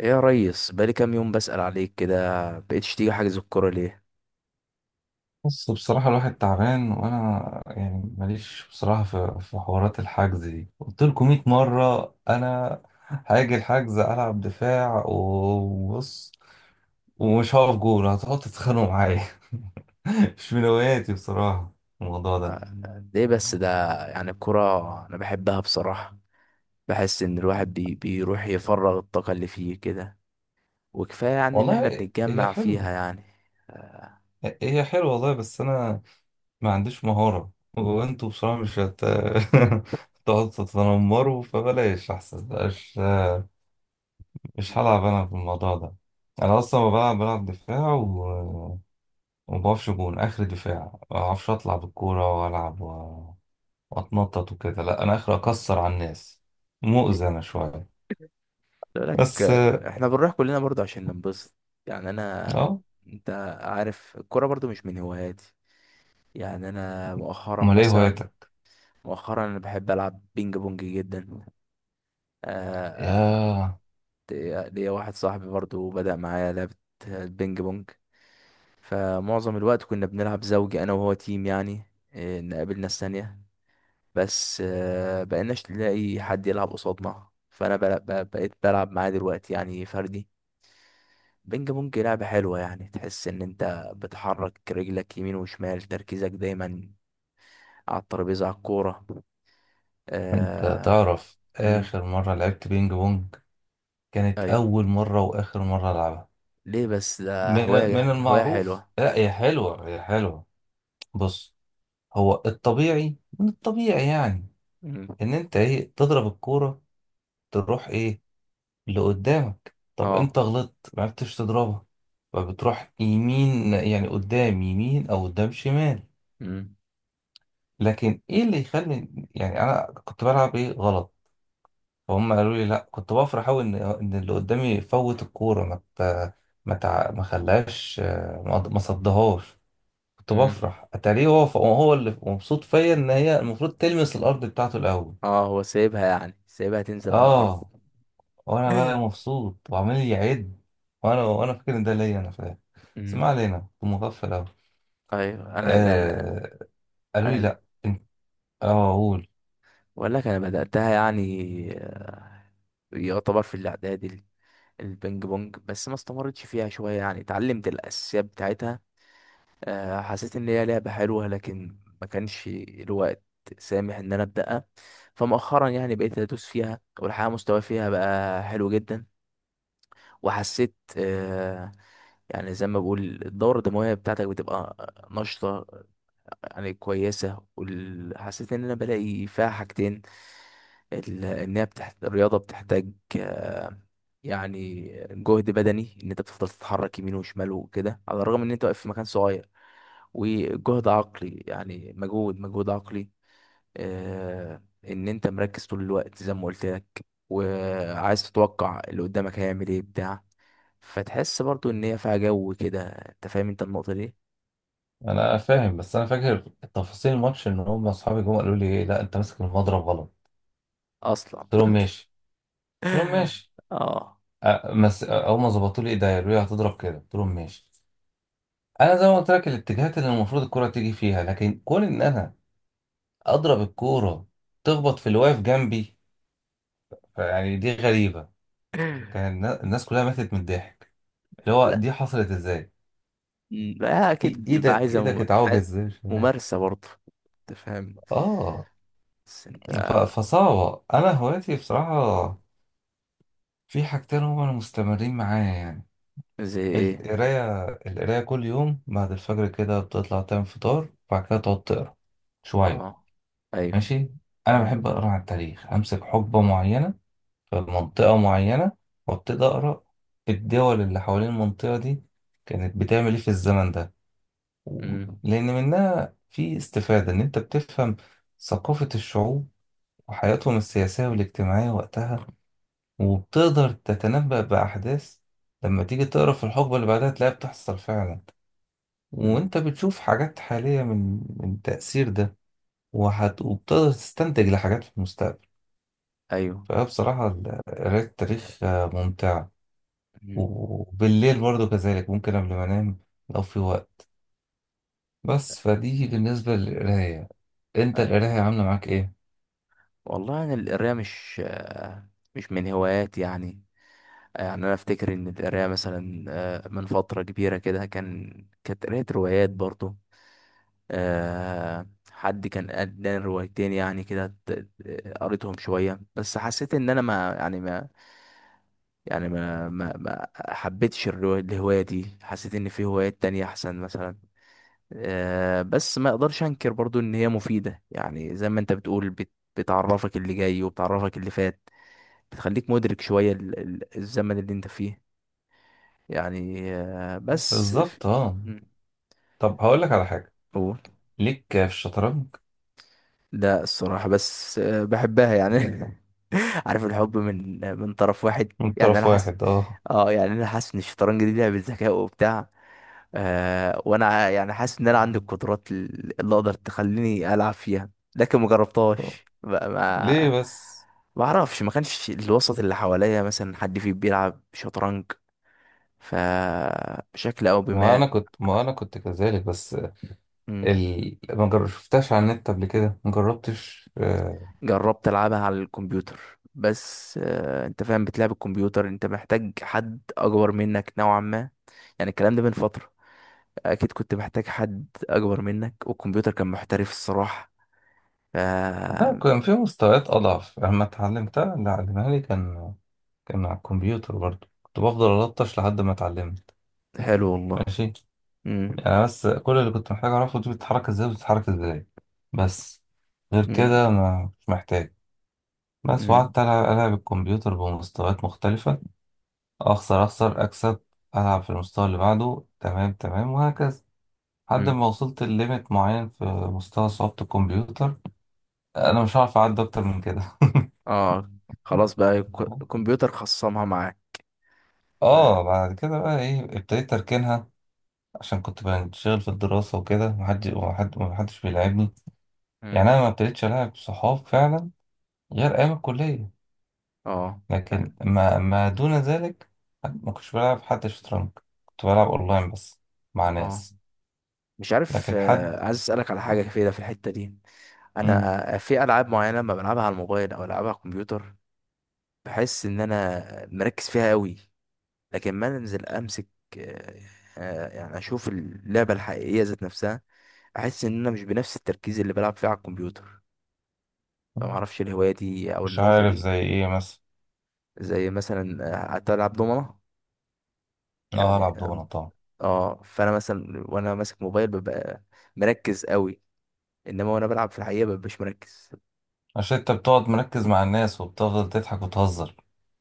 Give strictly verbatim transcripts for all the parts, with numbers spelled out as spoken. ايه يا ريس، بقالي كام يوم بسأل عليك كده، بقيتش تيجي حجز الكورة ليه؟ بص، بصراحة الواحد تعبان وأنا يعني ماليش بصراحة في, في حوارات الحجز دي. قلت لكم مائة مرة أنا هاجي الحجز ألعب دفاع، وبص ومش هقف جول هتقعدوا تتخانقوا معايا. مش من هواياتي بصراحة الموضوع ده. آه، ليه بس ده؟ يعني الكورة انا بحبها بصراحة. بحس ان الواحد بي بيروح يفرغ الطاقة اللي فيه كده. وكفاية يعني ان احنا والله هي بنتجمع فيها حلوة، يعني. آه. هي حلوة والله، بس أنا ما عنديش مهارة. وأنتوا بصراحة مش هت... تقعدوا تتنمروا فبلاش أحسن بلاش. مش هلعب انا في الموضوع ده. انا اصلا ما بلعب، بلعب دفاع و... وما بعرفش جون اخر دفاع. ما بعرفش اطلع بالكوره والعب و... واتنطط وكده. لا، انا اخر اكسر على الناس، مؤذي انا شويه. بقول لك، بس آه، احنا بنروح كلنا برضه عشان ننبسط. يعني انا اه، انت عارف الكورة برضه مش من هواياتي. يعني انا مؤخرا امال ايه مثلا، هوايتك؟ مؤخرا انا بحب العب بينج بونج جدا. آه. آه. يا، ليا ليا واحد صاحبي برضو بدأ معايا لعبة البينج بونج. فمعظم الوقت كنا بنلعب زوجي، أنا وهو تيم يعني. إيه، نقابل ناس تانية. بس آه، بقيناش نلاقي حد يلعب قصادنا، فأنا بل- ب- بقيت بلعب معاه دلوقتي يعني فردي. بينج بونج لعبة حلوة. يعني تحس إن أنت بتحرك رجلك يمين وشمال، تركيزك دايما على الترابيزة، على الكورة. انت آه... تعرف مم. اخر مره لعبت بينج بونج؟ كانت أيوة. اول مره واخر مره العبها. ليه بس ده؟ من من هواية، هواية المعروف، حلوة. لا هي حلوه، هي حلوه. بص، هو الطبيعي، من الطبيعي يعني مم. ان انت ايه تضرب الكوره تروح ايه اللي قدامك. طب اه. انت غلطت ما عرفتش تضربها، فبتروح يمين، يعني قدام يمين او قدام شمال. مم. لكن ايه اللي يخلي، يعني انا كنت بلعب ايه غلط؟ فهم قالوا لي لا، كنت بفرح قوي ان ان اللي قدامي يفوت الكوره، ما ت- ما تع- ما خلاش ما ما صدهاش. كنت مم. بفرح، اتاريه هو هو اللي مبسوط فيا، ان هي المفروض تلمس الارض بتاعته الاول. اه، هو سايبها يعني سايبها تنزل على الارض. اه، وانا بقى مبسوط وعمال يعد. وانا وانا فاكر ان ده ليا، انا فاهم. بس ما امم. علينا، كنت مغفل اوي. ايوه، انا لأن. آه قالوا لي انا لا انت، اه اقول. بقول لك، انا بداتها يعني. آه، يعتبر في الاعدادي ال- البينج بونج، بس ما استمرتش فيها شويه، يعني اتعلمت الاساسيات بتاعتها. آه، حسيت ان هي لعبه حلوه لكن ما كانش الوقت سامح ان انا ابداها. فمؤخرا يعني بقيت ادوس فيها، والحقيقه مستواي فيها بقى حلو جدا. وحسيت آه، يعني زي ما بقول الدورة الدموية بتاعتك بتبقى نشطة، يعني كويسة. وال- حسيت إن أنا بلاقي فيها حاجتين. ال- إن هي بتحت... الرياضة بتحتاج آه، يعني جهد بدني، إن أنت بتفضل تتحرك يمين وشمال وكده على الرغم إن أنت واقف في مكان صغير. وجهد عقلي، يعني مجهود مجهود عقلي. آه، إن أنت مركز طول الوقت زي ما قلت لك، وعايز تتوقع اللي قدامك هيعمل إيه بتاع. فتحس برضو إن هي فيها جو كده، أنت فاهم أنت النقطة دي؟ انا فاهم بس انا فاكر تفاصيل الماتش، ان هم اصحابي جم قالوا لي ايه، لا انت ماسك المضرب غلط. أصلا. قلت لهم ماشي، قلت لهم ماشي. آه. آه مس... آه، اول ما ظبطوا لي ايديا قالوا لي هتضرب كده، قلت لهم ماشي. انا زي ما قلت لك، الاتجاهات اللي المفروض الكرة تيجي فيها، لكن كون ان انا اضرب الكورة تخبط في اللي واقف جنبي، يعني دي غريبة. كان النا- الناس كلها ماتت من الضحك، اللي هو دي حصلت ازاي. مم. لا إي- اكيد بتبقى ايدك عايزه ايدك مم... اتعوج ع- ازاي، مش فاهم. ممارسه برضه. انت فاهم. اه، بس انت. ف- فصعبة. انا هوايتي بصراحة في حاجتين هما اللي مستمرين معايا يعني. زي ايه؟ القراية، القراية كل يوم بعد الفجر كده بتطلع تعمل فطار وبعد كده تقعد تقرا شوية. اه. ايوه. ماشي، انا مم. بحب اقرا عن التاريخ، امسك حقبة معينة في منطقة معينة وابتدي اقرا الدول اللي حوالين المنطقة دي كانت بتعمل ايه في الزمن ده. و- مم. لأن منها في استفادة، إن أنت بتفهم ثقافة الشعوب وحياتهم السياسية والاجتماعية وقتها، وبتقدر تتنبأ بأحداث لما تيجي تقرا في الحقبة اللي بعدها تلاقيها بتحصل فعلا. مم. وأنت بتشوف حاجات حالية من من التأثير ده. وهت... وبتقدر تستنتج لحاجات في المستقبل. ايوه. فبصراحة ال- قراية التاريخ آه، ممتعة. مم. وبالليل برضو كذلك ممكن قبل ما أنام لو في وقت. بس فدي بالنسبة للقراية. انت ايوه القراية عاملة معاك ايه؟ والله، انا القرايه مش آه، مش من هواياتي يعني. يعني انا افتكر ان القرايه مثلا آه، من فتره كبيره كده، كان كانت قرايه روايات برضه. آه، حد كان اداني روايتين يعني كده، ت- قريتهم شويه. بس حسيت ان انا ما، يعني ما، يعني ما ما ما حبيتش الرو- الهواية دي. حسيت ان في هوايات تانية احسن مثلا. آه، بس ما اقدرش انكر برضو ان هي مفيدة، يعني زي ما انت بتقول، بت- بتعرفك اللي جاي وبتعرفك اللي فات، بتخليك مدرك شوية ال- ال- الزمن اللي انت فيه. يعني آه، بس ف- بالظبط، اه. مم. طب هقول لك على حاجة قول. ليك في الشطرنج. لا الصراحة، بس آه، بحبها يعني. عارف الحب من من طرف واحد، من يعني انا طرف حاسس. واحد، اه. اه، يعني انا حاسس ان الشطرنج دي لعبة ذكاء وبتاع. آه وانا يعني حاسس ان انا عندي القدرات اللي اقدر تخليني العب فيها. لكن ما جربتهاش بقى، ليه ما بس؟ ما اعرفش. ما كانش الوسط اللي حواليا مثلا حد فيه بيلعب شطرنج، فبشكل او ما بما. انا كنت ما انا كنت كذلك بس. مم. ال... ما جر- شفتهاش على النت قبل كده، ما جربتش. آه، جربت العبها على الكمبيوتر. بس آه انت فاهم، بتلعب الكمبيوتر انت محتاج حد اكبر منك نوعا ما. يعني الكلام ده من فترة، اكيد كنت محتاج حد اكبر منك، والكمبيوتر كان محترف الصراحة. ف لا، كان في مستويات اضعف لما اتعلمتها. اللي علمها لي كان، كان على الكمبيوتر برضو، كنت بفضل الطش لحد ما اتعلمت. حلو والله. ماشي، امم. يعني بس كل اللي كنت محتاج اعرفه، دي بتتحرك ازاي وبتتحرك ازاي، بس. غير امم. كده ما، مش محتاج. بس امم. وقعدت ألعب ألعب الكمبيوتر بمستويات مختلفة. أخسر، أخسر، أكسب. ألعب في المستوى اللي بعده، تمام تمام، وهكذا لحد امم. ما وصلت لليميت معين في مستوى صعوبة الكمبيوتر. أنا مش هعرف أعدي أكتر من كده. اه. خلاص بقى، الك- الكمبيوتر خصمها معاك. اه، بقى. بعد كده بقى ايه ابتديت اركنها عشان كنت بنشغل في الدراسة وكده، محد وحد محدش بيلعبني. يعني امم. انا ما ابتديتش العب صحاب فعلا غير ايام الكلية. اه. لكن فعلا. ما, ما دون ذلك ما كنتش بلعب حد شطرنج. كنت بلعب اونلاين بس مع اه. ناس. مش عارف، لكن حد، آه، عايز اسالك على حاجه آه. كده في الحته دي. مم. انا في العاب معينه لما بلعبها على الموبايل او العبها على الكمبيوتر، بحس ان انا مركز فيها قوي. لكن ما انزل امسك آه، آه، يعني اشوف اللعبه الحقيقيه ذات نفسها، احس ان انا مش بنفس التركيز اللي بلعب فيه على الكمبيوتر. فما اعرفش الهوايه دي او مش النقطه عارف دي. زي ايه مثلا؟ زي مثلا آه، هتلعب دومنة اه، يعني. العب دومنة طبعا. اه، فانا مثلا وانا ماسك موبايل ببقى مركز قوي، انما وانا بلعب في الحقيقة ببقى مش مركز. عشان انت بتقعد مركز مع الناس وبتفضل تضحك وتهزر.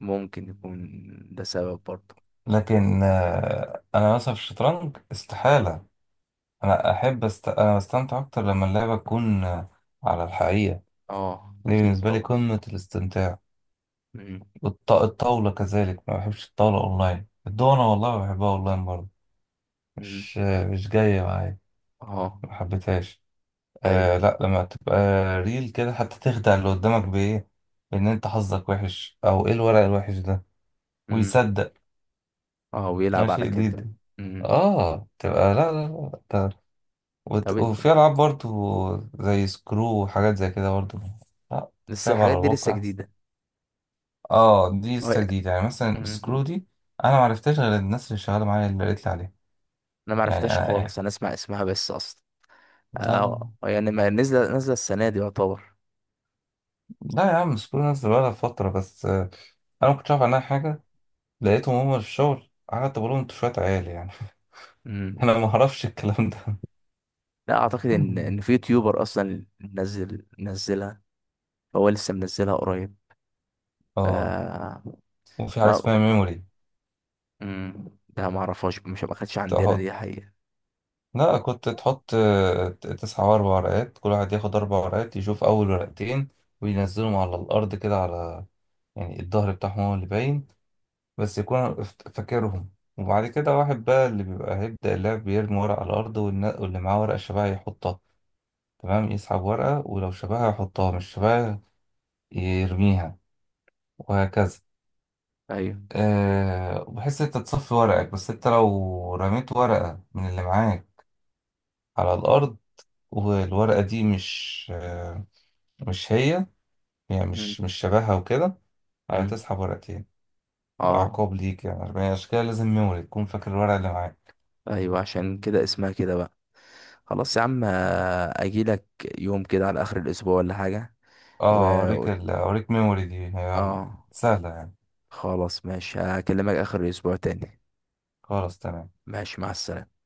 ممكن يكون ده سبب برضه. لكن آه، انا مثلا في الشطرنج استحالة. انا احب است... انا بستمتع اكتر لما اللعبة تكون آه، على الحقيقة. اه دي اكيد بالنسبة لي طبعا. قمة الاستمتاع. مم. والط... الطاولة كذلك، ما بحبش الطاولة اونلاين. الدومنة والله بحبها اونلاين برضه، مم. مش مش جاية معايا، اه. ما حبيتهاش. ايوه. آه، لا لما تبقى ريل كده حتى تخدع اللي قدامك بإيه، إن أنت حظك وحش أو إيه الورق الوحش ده، مم. ويصدق. اه، ويلعب ماشي على كده. جديد. مم. آه تبقى لا لا لا، ده. طب وت- إن- وفي ألعاب برضو زي سكرو وحاجات زي كده برضو. لا، لسه تلعب على الحاجات دي لسه الواقع أحسن. جديدة. آه دي اه. لسه جديدة، يعني مثلا مم. سكرو دي أنا معرفتهاش غير الناس اللي شغالة معايا اللي قالت لي عليها. انا يعني معرفتهاش أنا خالص، يعني، انا اسمع اسمها بس اصلا. لا اه لا. يعني ما نزل نزل السنة دي يعتبر. لا يا عم، مش كل الناس بقالها فترة، بس آه، أنا ما كنتش أعرف عنها حاجة. لقيتهم هما في الشغل قعدت بقول لهم أنتوا شوية عيال يعني. مم. أنا ما أعرفش الكلام ده. لا اعتقد ان ان في يوتيوبر اصلا منزل منزلها، هو لسه منزلها قريب. ف آه، وفي حاجة ما اسمها ميموري. امم ده ما اعرفهاش، مش ما كانتش عندنا تحط، دي حقيقة. لا كنت تحط آه، تسعة وأربع ورقات، كل واحد ياخد أربع ورقات يشوف أول ورقتين وينزلهم على الأرض كده، على يعني الظهر بتاعهم هو اللي باين، بس يكون فت- فاكرهم. وبعد كده واحد بقى اللي بيبقى هيبدأ اللعب بيرمي ورق على الأرض، والنا- واللي معاه ورقة شبه يحطها، تمام، يسحب ورقة ولو شبهها يحطها، مش شبهها يرميها، وهكذا. ايوه. أه، بحيث انت تصفي ورقك. بس انت لو رميت ورقة من اللي معاك على الأرض والورقة دي مش أه، مش هي، يعني امم. مش مش شبهها وكده، أه امم. تسحب ورقتين. اه. وعقاب ليك، يعني عشان كده لازم ميموري تكون فاكر الورقة اللي معاك. ايوه عشان كده اسمها كده بقى. خلاص يا عم، اه، اجي لك يوم كده على اخر الاسبوع ولا حاجة. و... و- اوريك ال- اوريك ميموري دي، هي اه. سهلة يعني. خلاص ماشي، هكلمك اخر الاسبوع تاني. خلاص تمام. ماشي، مع السلامة.